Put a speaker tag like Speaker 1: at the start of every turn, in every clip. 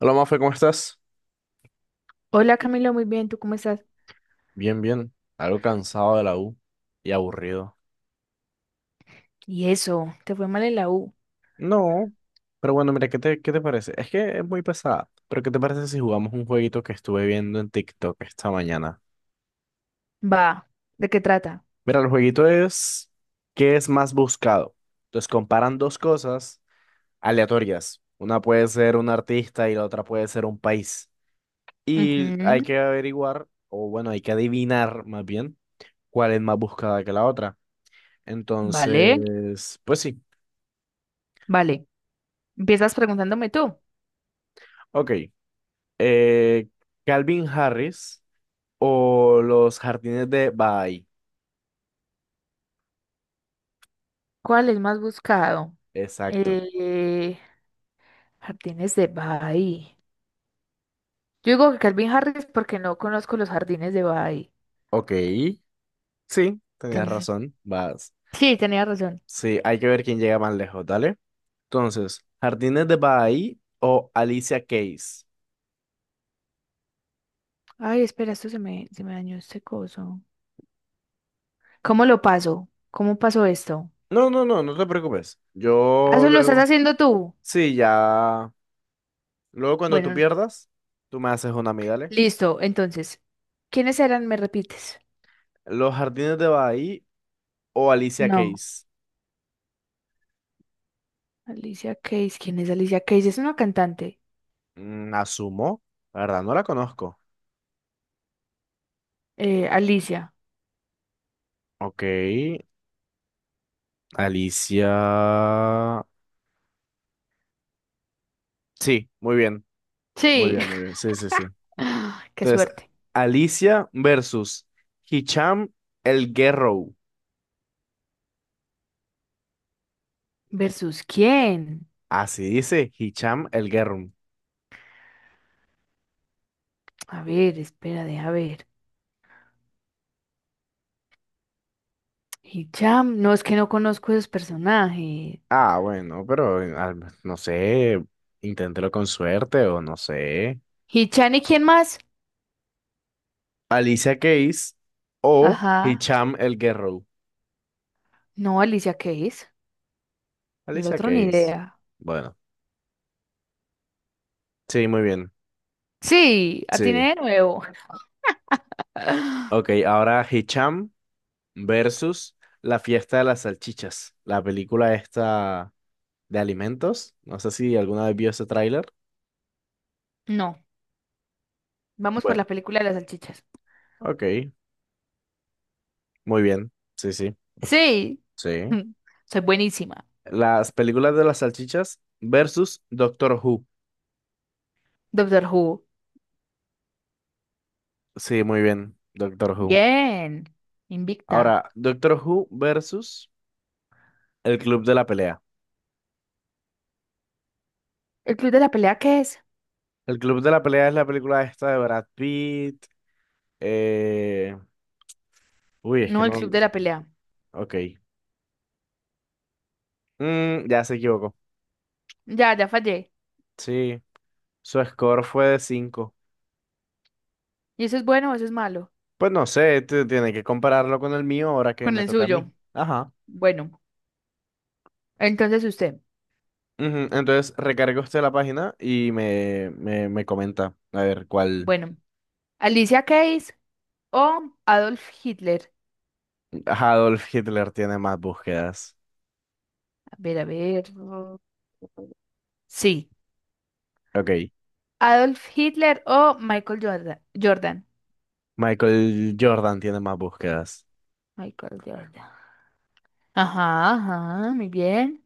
Speaker 1: Hola, Mafe, ¿cómo estás?
Speaker 2: Hola Camilo, muy bien, ¿tú cómo estás?
Speaker 1: Bien, bien. Algo cansado de la U y aburrido.
Speaker 2: Y eso, ¿te fue mal en la U?
Speaker 1: No, pero bueno, mira, ¿qué te parece? Es que es muy pesada, pero ¿qué te parece si jugamos un jueguito que estuve viendo en TikTok esta mañana?
Speaker 2: Va, ¿de qué trata?
Speaker 1: Mira, el jueguito es ¿qué es más buscado? Entonces comparan dos cosas aleatorias. Una puede ser un artista y la otra puede ser un país. Y hay
Speaker 2: Ujú.
Speaker 1: que averiguar, o bueno, hay que adivinar más bien cuál es más buscada que la otra.
Speaker 2: Vale,
Speaker 1: Entonces, pues sí.
Speaker 2: vale. Empiezas preguntándome tú,
Speaker 1: Ok. eh, Calvin Harris o los jardines de Baha'i.
Speaker 2: ¿cuál es más buscado?
Speaker 1: Exacto.
Speaker 2: Eh, jardines de Bay. Yo digo que Calvin Harris porque no conozco los jardines de Bay.
Speaker 1: Ok. Sí, tenías
Speaker 2: Entonces,
Speaker 1: razón. Vas.
Speaker 2: sí, tenía razón.
Speaker 1: Sí, hay que ver quién llega más lejos, ¿dale? Entonces, jardines de Baha'i o Alicia Keys.
Speaker 2: Ay, espera, esto se me dañó este coso. ¿Cómo lo paso? ¿Cómo pasó esto?
Speaker 1: No, no, no, no te preocupes.
Speaker 2: Ah,
Speaker 1: Yo
Speaker 2: eso lo estás
Speaker 1: luego.
Speaker 2: haciendo tú.
Speaker 1: Sí, ya. Luego cuando tú
Speaker 2: Bueno,
Speaker 1: pierdas, tú me haces una a mí, dale.
Speaker 2: listo, entonces, ¿quiénes eran? ¿Me repites?
Speaker 1: Los jardines de Baha'i o Alicia
Speaker 2: No,
Speaker 1: Keys.
Speaker 2: Alicia Keys. ¿Quién es Alicia Keys? Es una cantante.
Speaker 1: Mm, asumo. La verdad, no la conozco.
Speaker 2: Alicia.
Speaker 1: Ok. Alicia. Sí, muy bien. Muy
Speaker 2: Sí.
Speaker 1: bien, muy bien. Sí, sí, sí.
Speaker 2: Ah, qué
Speaker 1: Entonces,
Speaker 2: suerte.
Speaker 1: Alicia versus Hicham el Guerrero.
Speaker 2: ¿Versus quién?
Speaker 1: Así dice Hicham el Guerrero.
Speaker 2: A ver, espera, deja ver. Hicham. No, es que no conozco esos personajes.
Speaker 1: Ah, bueno, pero al- no sé. Inténtelo con suerte o no sé.
Speaker 2: ¿Hichan y quién más?
Speaker 1: Alicia Keys o
Speaker 2: Ajá.
Speaker 1: Hicham el Guerrero.
Speaker 2: No, Alicia Keys. El
Speaker 1: Alicia
Speaker 2: otro ni
Speaker 1: Keys.
Speaker 2: idea.
Speaker 1: Bueno, sí, muy bien.
Speaker 2: Sí, atiné
Speaker 1: Sí.
Speaker 2: de nuevo.
Speaker 1: Ok, ahora Hicham versus la fiesta de las salchichas, la película esta de alimentos. No sé si alguna vez vio ese tráiler.
Speaker 2: No, vamos por
Speaker 1: Bueno,
Speaker 2: la película de las salchichas.
Speaker 1: ok, muy bien. Sí, sí,
Speaker 2: Sí.
Speaker 1: sí.
Speaker 2: Soy buenísima.
Speaker 1: Las películas de las salchichas versus Doctor Who.
Speaker 2: Doctor Who.
Speaker 1: Sí, muy bien, Doctor Who.
Speaker 2: Bien. Invicta.
Speaker 1: Ahora, Doctor Who versus El Club de la Pelea.
Speaker 2: ¿El club de la pelea qué es?
Speaker 1: El Club de la Pelea es la película esta de Brad Pitt. eh, Uy, es que
Speaker 2: No, el
Speaker 1: no...
Speaker 2: club de la pelea.
Speaker 1: Ok. Mm, ya se equivocó.
Speaker 2: Ya, ya fallé.
Speaker 1: Sí, su score fue de cinco.
Speaker 2: ¿Y eso es bueno o eso es malo?
Speaker 1: Pues no sé, tiene que compararlo con el mío ahora que
Speaker 2: Con
Speaker 1: me
Speaker 2: el
Speaker 1: toca a
Speaker 2: suyo.
Speaker 1: mí. Ajá.
Speaker 2: Bueno, entonces usted.
Speaker 1: Ujú, entonces recarga usted la página y me comenta a ver cuál.
Speaker 2: Bueno, Alicia Keys o Adolf Hitler.
Speaker 1: Adolf Hitler tiene más búsquedas.
Speaker 2: A ver, a ver. Mm. Sí.
Speaker 1: Ok.
Speaker 2: Adolf Hitler o Michael Jordan. Jordan.
Speaker 1: Michael Jordan tiene más búsquedas.
Speaker 2: Michael Jordan. Ajá, ajá, muy bien.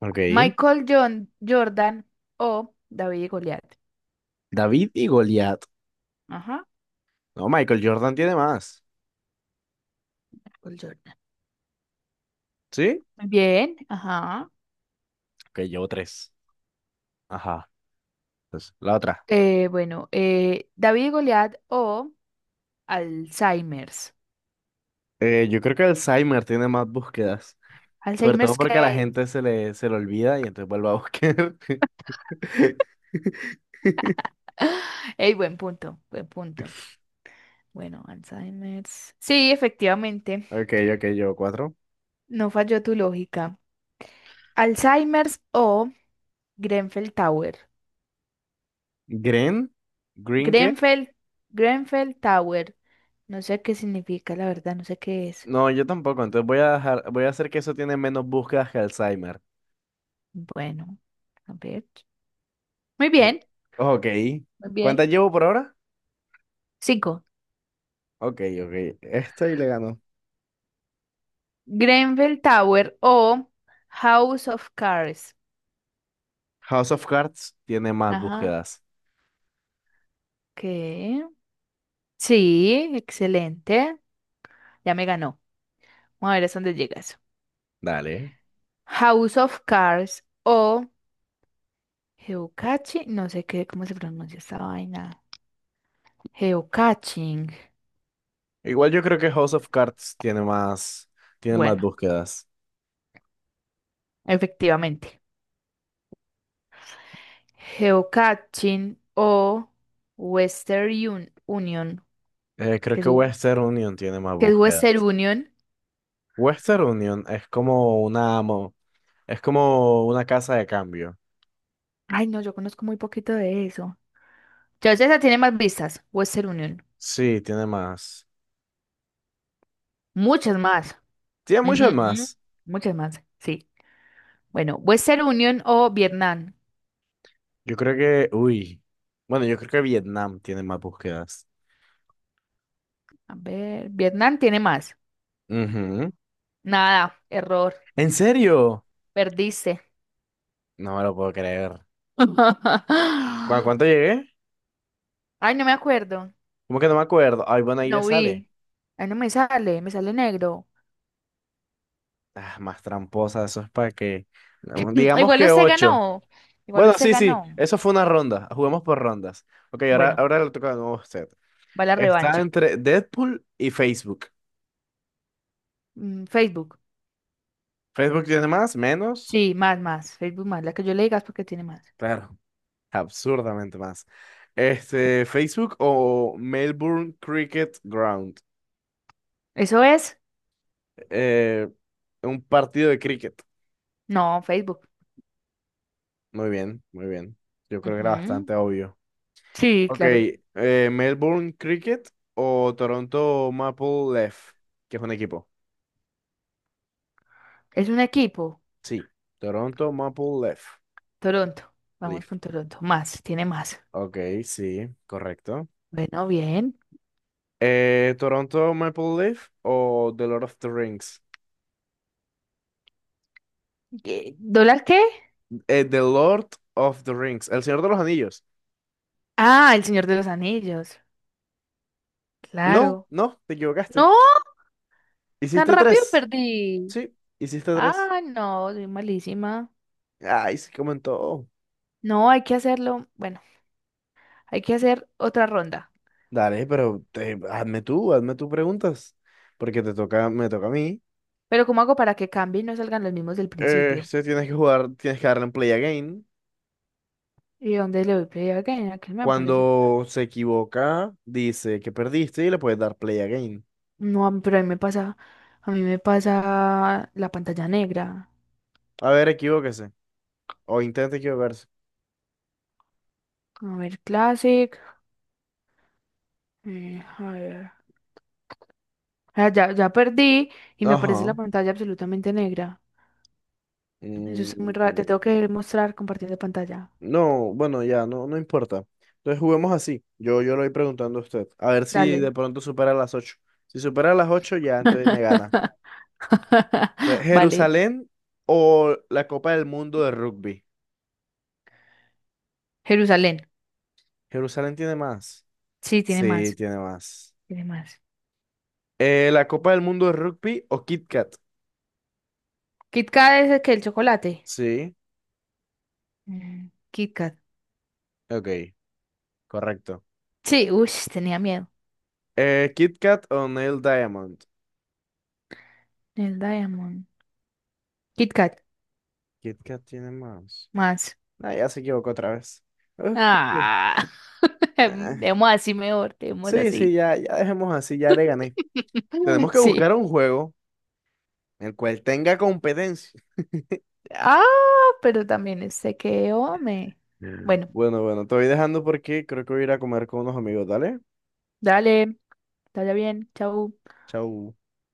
Speaker 1: Ok.
Speaker 2: Michael John Jordan o David y Goliat.
Speaker 1: David y Goliat.
Speaker 2: Ajá.
Speaker 1: No, Michael Jordan tiene más.
Speaker 2: Michael Jordan.
Speaker 1: ¿Sí?
Speaker 2: Muy bien, ajá.
Speaker 1: Ok, llevo tres. Ajá. Entonces, la otra.
Speaker 2: Bueno, David y Goliat o Alzheimer's.
Speaker 1: Yo creo que Alzheimer tiene más búsquedas. Sobre todo
Speaker 2: Alzheimer's
Speaker 1: porque a la
Speaker 2: que...
Speaker 1: gente se le olvida y entonces vuelve a buscar.
Speaker 2: Ey, buen punto, buen punto. Bueno, Alzheimer's. Sí, efectivamente,
Speaker 1: Ok, ok, yo cuatro.
Speaker 2: no falló tu lógica. Alzheimer's o Grenfell Tower.
Speaker 1: Green, ¿Green qué?
Speaker 2: Grenfell, Grenfell Tower. No sé qué significa, la verdad, no sé qué es.
Speaker 1: No, yo tampoco. Entonces voy a dejar, voy a hacer que eso tiene menos búsquedas que Alzheimer.
Speaker 2: Bueno, a ver. Muy
Speaker 1: Di-
Speaker 2: bien,
Speaker 1: Ok.
Speaker 2: muy bien.
Speaker 1: ¿Cuántas llevo por ahora?
Speaker 2: Cinco.
Speaker 1: Ok, ok. Esta y le ganó.
Speaker 2: Grenfell Tower o House of Cards.
Speaker 1: House of Cards tiene más
Speaker 2: Ajá,
Speaker 1: búsquedas.
Speaker 2: ¿qué? Sí, excelente. Ya me ganó. Vamos a ver hasta dónde llega eso.
Speaker 1: Dale.
Speaker 2: House of Cards o Geocaching. No sé qué, cómo se pronuncia esta vaina. Geocaching.
Speaker 1: Igual yo creo que House of Cards tiene más
Speaker 2: Bueno,
Speaker 1: búsquedas.
Speaker 2: efectivamente. Geocaching o Union.
Speaker 1: Creo
Speaker 2: ¿Qué es,
Speaker 1: que Western Union tiene más
Speaker 2: qué es
Speaker 1: búsquedas.
Speaker 2: Western Union?
Speaker 1: Western Union es como una, es como una casa de cambio.
Speaker 2: Ay, no, yo conozco muy poquito de eso. Ya esa tiene más vistas. Western Union.
Speaker 1: Sí, tiene más.
Speaker 2: Muchas más.
Speaker 1: Tiene muchas
Speaker 2: Ujú.
Speaker 1: más.
Speaker 2: Muchas más, sí. Bueno, Western Union o Vietnam.
Speaker 1: Yo creo que, uy. Bueno, yo creo que Vietnam tiene más búsquedas.
Speaker 2: A ver, Vietnam tiene más.
Speaker 1: Ujú.
Speaker 2: Nada, error.
Speaker 1: ¿En serio?
Speaker 2: Perdiste.
Speaker 1: No me lo puedo creer. ¿A cuánto llegué?
Speaker 2: Ay, no me acuerdo.
Speaker 1: ¿Cómo que no me acuerdo? Ay, bueno, ahí le
Speaker 2: No
Speaker 1: sale.
Speaker 2: vi. Ay, no me sale, me sale negro.
Speaker 1: Ah, más tramposa, eso es para que digamos
Speaker 2: Igual
Speaker 1: que
Speaker 2: usted
Speaker 1: ocho.
Speaker 2: ganó. Igual
Speaker 1: Bueno,
Speaker 2: usted
Speaker 1: sí, sí,
Speaker 2: ganó.
Speaker 1: eso fue una ronda. Jugamos por rondas. Ok, ahora,
Speaker 2: Bueno,
Speaker 1: ahora le toca de nuevo a usted.
Speaker 2: va la
Speaker 1: Está
Speaker 2: revancha.
Speaker 1: entre Deadpool y Facebook.
Speaker 2: Mm, Facebook.
Speaker 1: ¿Facebook tiene más? ¿Menos?
Speaker 2: Sí, más, más. Facebook más. La que yo le digas porque tiene más.
Speaker 1: Claro. Absurdamente más. Este, Facebook o Melbourne Cricket Ground.
Speaker 2: ¿Eso es?
Speaker 1: Eh, un partido de cricket.
Speaker 2: No, Facebook.
Speaker 1: Muy bien, muy bien. Yo creo que era
Speaker 2: Ujú.
Speaker 1: bastante obvio.
Speaker 2: Sí,
Speaker 1: Ok,
Speaker 2: claro.
Speaker 1: Melbourne Cricket o Toronto Maple Leaf, que es un equipo.
Speaker 2: Es un equipo.
Speaker 1: Sí, Toronto Maple Leaf.
Speaker 2: Toronto. Vamos
Speaker 1: Leaf.
Speaker 2: con Toronto. Más, tiene más.
Speaker 1: Ok, sí, correcto.
Speaker 2: Bueno, bien.
Speaker 1: Toronto Maple Leaf o The Lord of the Rings.
Speaker 2: ¿Qué- ¿Dólar qué?
Speaker 1: The Lord of the Rings, El Señor de los Anillos.
Speaker 2: Ah, el Señor de los Anillos.
Speaker 1: No,
Speaker 2: Claro.
Speaker 1: no, te equivocaste.
Speaker 2: No, tan
Speaker 1: Hiciste
Speaker 2: rápido
Speaker 1: tres.
Speaker 2: perdí.
Speaker 1: Sí, hiciste tres.
Speaker 2: Ah, no, soy malísima.
Speaker 1: Ay, sí, comentó.
Speaker 2: No, hay que hacerlo. Bueno, hay que hacer otra ronda.
Speaker 1: Dale, pero hazme tú, hazme tus preguntas. Porque te toca, me toca a mí.
Speaker 2: Pero ¿cómo hago para que cambie y no salgan los mismos del principio?
Speaker 1: Se tienes que jugar, tienes que darle en play again.
Speaker 2: ¿Y dónde le doy play again? ¿A qué me aparece?
Speaker 1: Cuando se equivoca, dice que perdiste y le puedes dar play again.
Speaker 2: No, pero a mí me pasa la pantalla negra.
Speaker 1: A ver, equivóquese. O intente equivocarse.
Speaker 2: A ver, Classic. A ver. Ah, ya, ya perdí y me aparece la
Speaker 1: Ajá.
Speaker 2: pantalla absolutamente negra. Eso es muy raro. Te tengo
Speaker 1: Mm,
Speaker 2: que mostrar compartiendo pantalla.
Speaker 1: no, bueno, ya, no, no importa. Entonces juguemos así. Yo lo voy preguntando a usted. A ver si de
Speaker 2: Dale.
Speaker 1: pronto supera las ocho. Si supera las 8 ya, entonces me gana. Entonces,
Speaker 2: Vale,
Speaker 1: Jerusalén o la Copa del Mundo de Rugby.
Speaker 2: Jerusalén.
Speaker 1: Jerusalén tiene más.
Speaker 2: Sí, tiene
Speaker 1: Sí,
Speaker 2: más,
Speaker 1: tiene más.
Speaker 2: tiene más.
Speaker 1: La Copa del Mundo de Rugby o Kit Kat.
Speaker 2: Kit Kat es el que el chocolate.
Speaker 1: Sí,
Speaker 2: Mm, Kit Kat.
Speaker 1: ok, correcto.
Speaker 2: Sí, uy, tenía miedo.
Speaker 1: Kit Kat o Neil Diamond.
Speaker 2: El Diamond. Kit Kat,
Speaker 1: Kit Kat tiene más.
Speaker 2: más.
Speaker 1: Ah, ya se equivocó otra vez. Ok.
Speaker 2: Ah,
Speaker 1: Ah,
Speaker 2: demos así mejor, demos
Speaker 1: sí, sí,
Speaker 2: así.
Speaker 1: ya, ya dejemos así, ya le gané. Tenemos que
Speaker 2: Sí.
Speaker 1: buscar un juego en el cual tenga competencia.
Speaker 2: Ah, pero también este que, hombre.
Speaker 1: Mm.
Speaker 2: Bueno,
Speaker 1: Bueno, bueno, te voy dejando porque creo que voy a ir a comer con unos amigos. Dale,
Speaker 2: dale, dale bien, chau.
Speaker 1: chau.